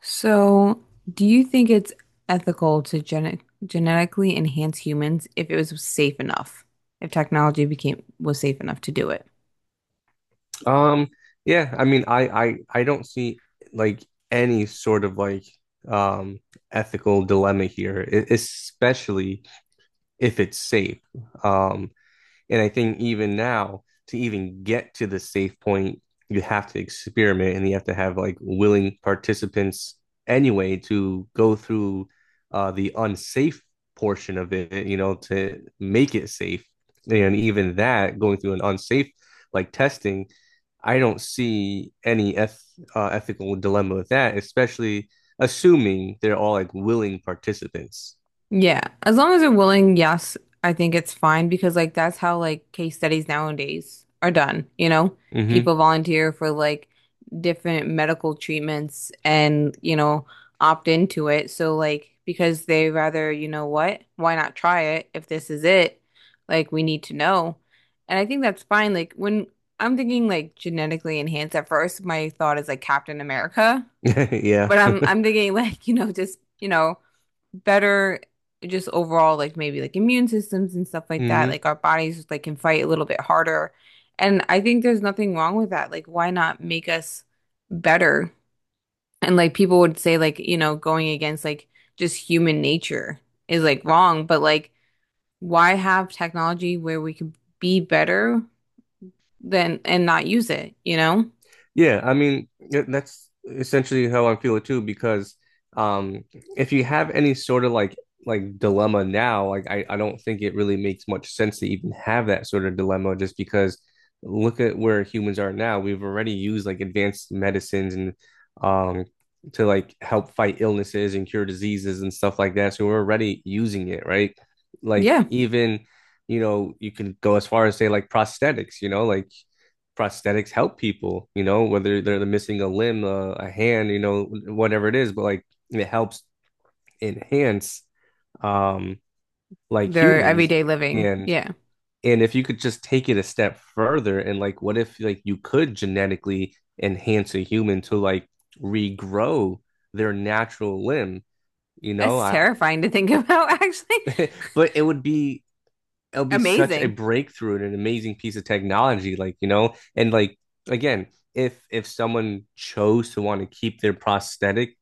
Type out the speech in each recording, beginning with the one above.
So, do you think it's ethical to genetically enhance humans if it was safe enough? If technology became was safe enough to do it? Um, yeah, I mean, I don't see like any sort of um ethical dilemma here, especially if it's safe. Um, and I think even now, to even get to the safe point, you have to experiment and you have to have like willing participants anyway to go through the unsafe portion of it to make it safe. And even that, going through an unsafe like testing, I don't see any ethical dilemma with that, especially assuming they're all like willing participants. Yeah, as long as they're willing, yes, I think it's fine because like that's how like case studies nowadays are done, you know? Hmm. People volunteer for like different medical treatments and, you know, opt into it. So like because they rather, you know what? Why not try it if this is it? Like we need to know. And I think that's fine. Like when I'm thinking like genetically enhanced at first, my thought is like Captain America. But Yeah. I'm thinking like, you know, just, you know, better just overall like maybe like immune systems and stuff like that. Hmm. Like our bodies just like can fight a little bit harder. And I think there's nothing wrong with that. Like why not make us better? And like people would say like, you know, going against like just human nature is like wrong, but like why have technology where we could be better than and not use it, you know? Yeah, I mean yeah, that's essentially how I'm feeling too because um if you have any sort of like dilemma now, like I don't think it really makes much sense to even have that sort of dilemma just because look at where humans are now. We've already used like advanced medicines and um to like help fight illnesses and cure diseases and stuff like that. So we're already using it, right? Like Yeah, even, you know, you can go as far as say like prosthetics, you know, like prosthetics help people, you know, whether they're missing a limb, a hand, you know, whatever it is, but like it helps enhance um like their humans everyday living. and Yeah. If you could just take it a step further and like what if like you could genetically enhance a human to like regrow their natural limb, you know? That's I terrifying to think about, actually. but it would be it'll be such a Amazing. breakthrough and an amazing piece of technology like you know and like again if someone chose to want to keep their prosthetic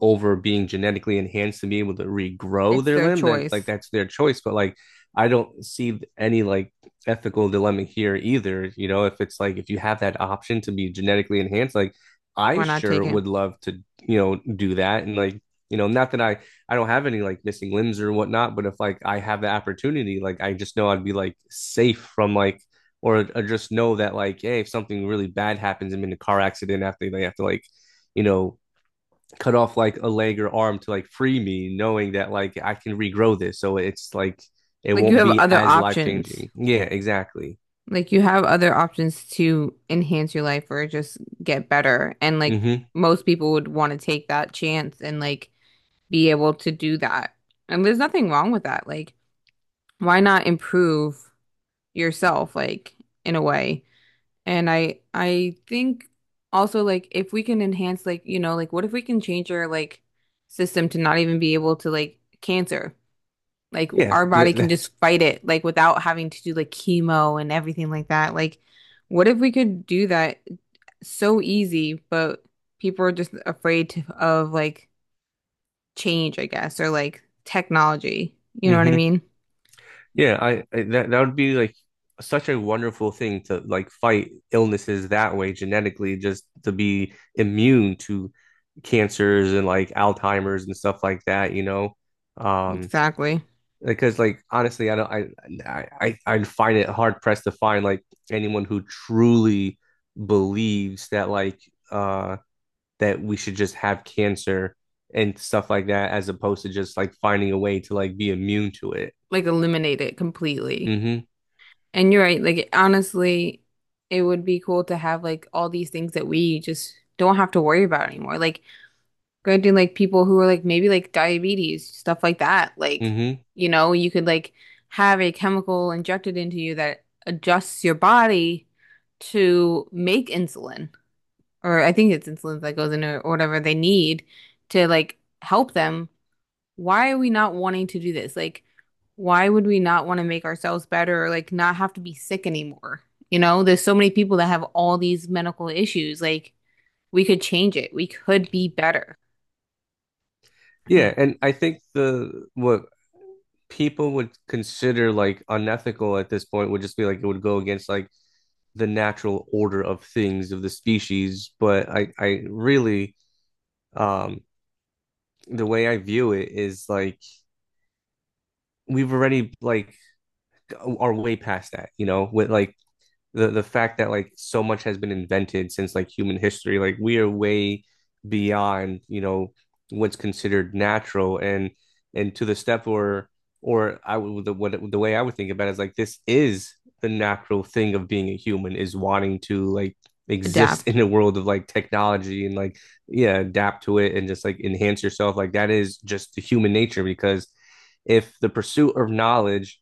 over being genetically enhanced to be able to regrow It's their their limb then like choice. that's their choice but like I don't see any like ethical dilemma here either, you know, if it's like if you have that option to be genetically enhanced like I Why not sure take it? would love to you know do that and like not that I don't have any like missing limbs or whatnot, but if like I have the opportunity, like I just know I'd be like safe from like or just know that like, hey, if something really bad happens, I'm in a car accident after they have to like, you know, cut off like a leg or arm to like free me, knowing that like I can regrow this. So it's like it Like you won't have be other as life options. changing. Yeah, exactly. Like you have other options to enhance your life or just get better. And like Hmm. most people would want to take that chance and like be able to do that. And there's nothing wrong with that. Like why not improve yourself like in a way? And I think also like if we can enhance like, you know, like what if we can change our like system to not even be able to like cancer? Like Yeah. our body can just fight it, like without having to do like chemo and everything like that. Like, what if we could do that so easy, but people are just afraid to, of like change, I guess, or like technology. You know what I Hmm. mean? Yeah, I that that would be like such a wonderful thing to like fight illnesses that way genetically, just to be immune to cancers and like Alzheimer's and stuff like that, you know? Um, Exactly. because like honestly, I don't I I'd find it hard pressed to find like anyone who truly believes that uh that we should just have cancer and stuff like that as opposed to just like finding a way to like be immune to it. Like eliminate it completely. Mm-hmm. And you're right, like honestly, it would be cool to have like all these things that we just don't have to worry about anymore. Like granted, like people who are like maybe like diabetes, stuff like that. Like, Mm-hmm. you know, you could like have a chemical injected into you that adjusts your body to make insulin, or I think it's insulin that goes in or whatever they need to like help them why are we not wanting to do this? Like, why would we not want to make ourselves better or like not have to be sick anymore? You know, there's so many people that have all these medical issues. Like, we could change it. We could be better and Yeah, and I think the what people would consider like unethical at this point would just be like it would go against like the natural order of things of the species. But I really, um, the way I view it is like we've already like are way past that, you know, with like the fact that like so much has been invented since like human history like we are way beyond you know what's considered natural and to the step or I would the what the way I would think about it is like this is the natural thing of being a human is wanting to like exist adapt. in a world of like technology and like yeah adapt to it and just like enhance yourself like that is just the human nature because if the pursuit of knowledge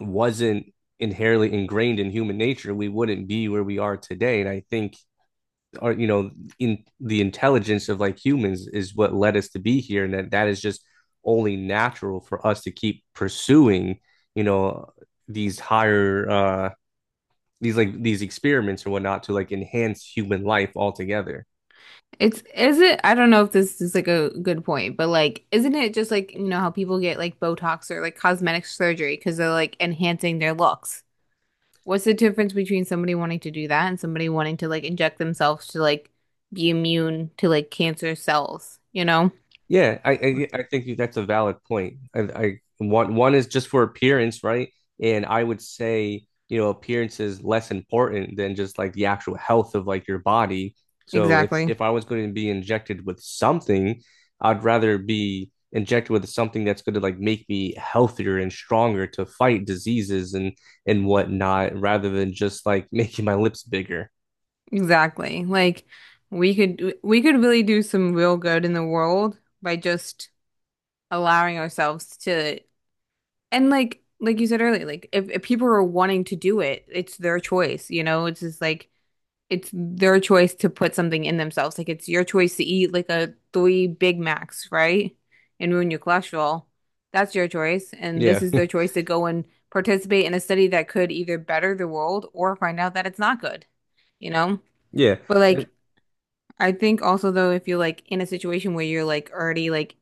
wasn't inherently ingrained in human nature, we wouldn't be where we are today. And I think our, you know, in the intelligence of like humans is what led us to be here. And that that is just only natural for us to keep pursuing, you know, these higher these like these experiments or whatnot to like enhance human life altogether. It's, is it, I don't know if this is like a good point, but like, isn't it just like, you know, how people get like Botox or like cosmetic surgery because they're like enhancing their looks? What's the difference between somebody wanting to do that and somebody wanting to like inject themselves to like be immune to like cancer cells, you know? Yeah, I think you, that's a valid point. I one is just for appearance, right? And I would say, you know, appearance is less important than just like the actual health of like your body. So if Exactly. if I was going to be injected with something, I'd rather be injected with something that's going to like make me healthier and stronger to fight diseases and whatnot, rather than just like making my lips bigger. Exactly. Like we could really do some real good in the world by just allowing ourselves to and like you said earlier, like if people are wanting to do it, it's their choice, you know? It's just like it's their choice to put something in themselves. Like it's your choice to eat like a three Big Macs, right? And ruin your cholesterol. That's your choice. And this Yeah, is their choice to go and participate in a study that could either better the world or find out that it's not good, you know? yeah. But And, like I think also though if you're like in a situation where you're like already like,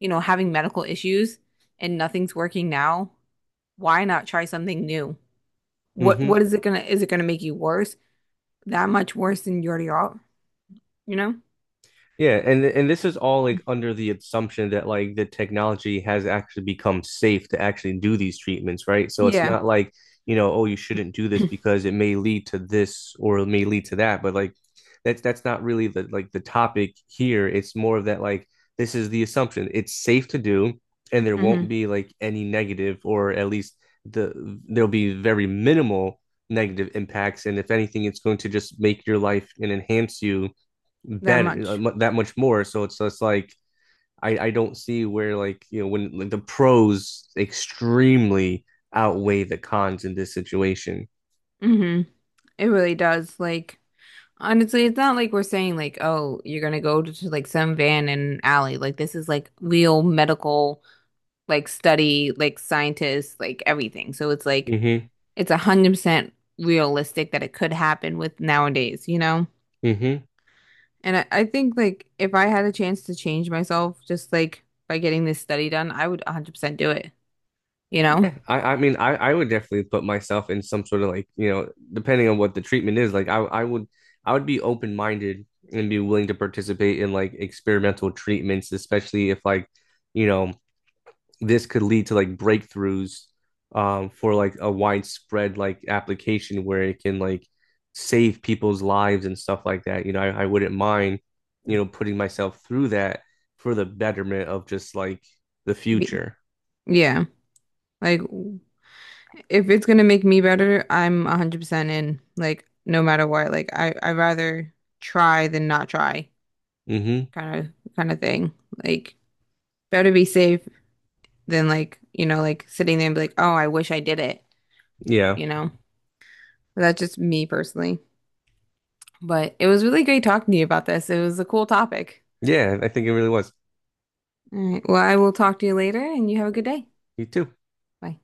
you know, having medical issues and nothing's working now, why not try something new? What mhm. Is it gonna make you worse? That much worse than you already are, you know? Yeah, and this is all like under the assumption that like the technology has actually become safe to actually do these treatments, right? So it's Yeah. not like, you know, oh, you shouldn't do this because it may lead to this or it may lead to that, but like that's not really the like the topic here. It's more of that like this is the assumption. It's safe to do and there hmm won't be like any negative or at least the there'll be very minimal negative impacts and if anything it's going to just make your life and enhance you That better much. That much more. So it's just like I don't see where like you know when like the pros extremely outweigh the cons in this situation. Hmm It really does. Like, honestly, it's not like we're saying like, oh, you're gonna go like some van in an alley. Like, this is like real medical, like study, like scientists, like everything. So it's like Mm-hmm. it's 100% realistic that it could happen with nowadays, you know? Mm-hmm. And I think like if I had a chance to change myself, just like by getting this study done, I would 100% do it, you know? Yeah. I mean I would definitely put myself in some sort of like, you know, depending on what the treatment is, like I would I would be open minded and be willing to participate in like experimental treatments, especially if like, you know, this could lead to like breakthroughs for like a widespread like application where it can like save people's lives and stuff like that. You know, I wouldn't mind, you know, putting myself through that for the betterment of just like the Be future. yeah. Like if it's gonna make me better, I'm 100% in. Like no matter what. Like I rather try than not try Hmm. kind of thing. Like better be safe than like, you know, like sitting there and be like, "Oh, I wish I did it." Yeah. You know? But that's just me personally. But it was really great talking to you about this. It was a cool topic. Yeah, I think it really was. All right. Well, I will talk to you later and you have a good day. You too. Bye.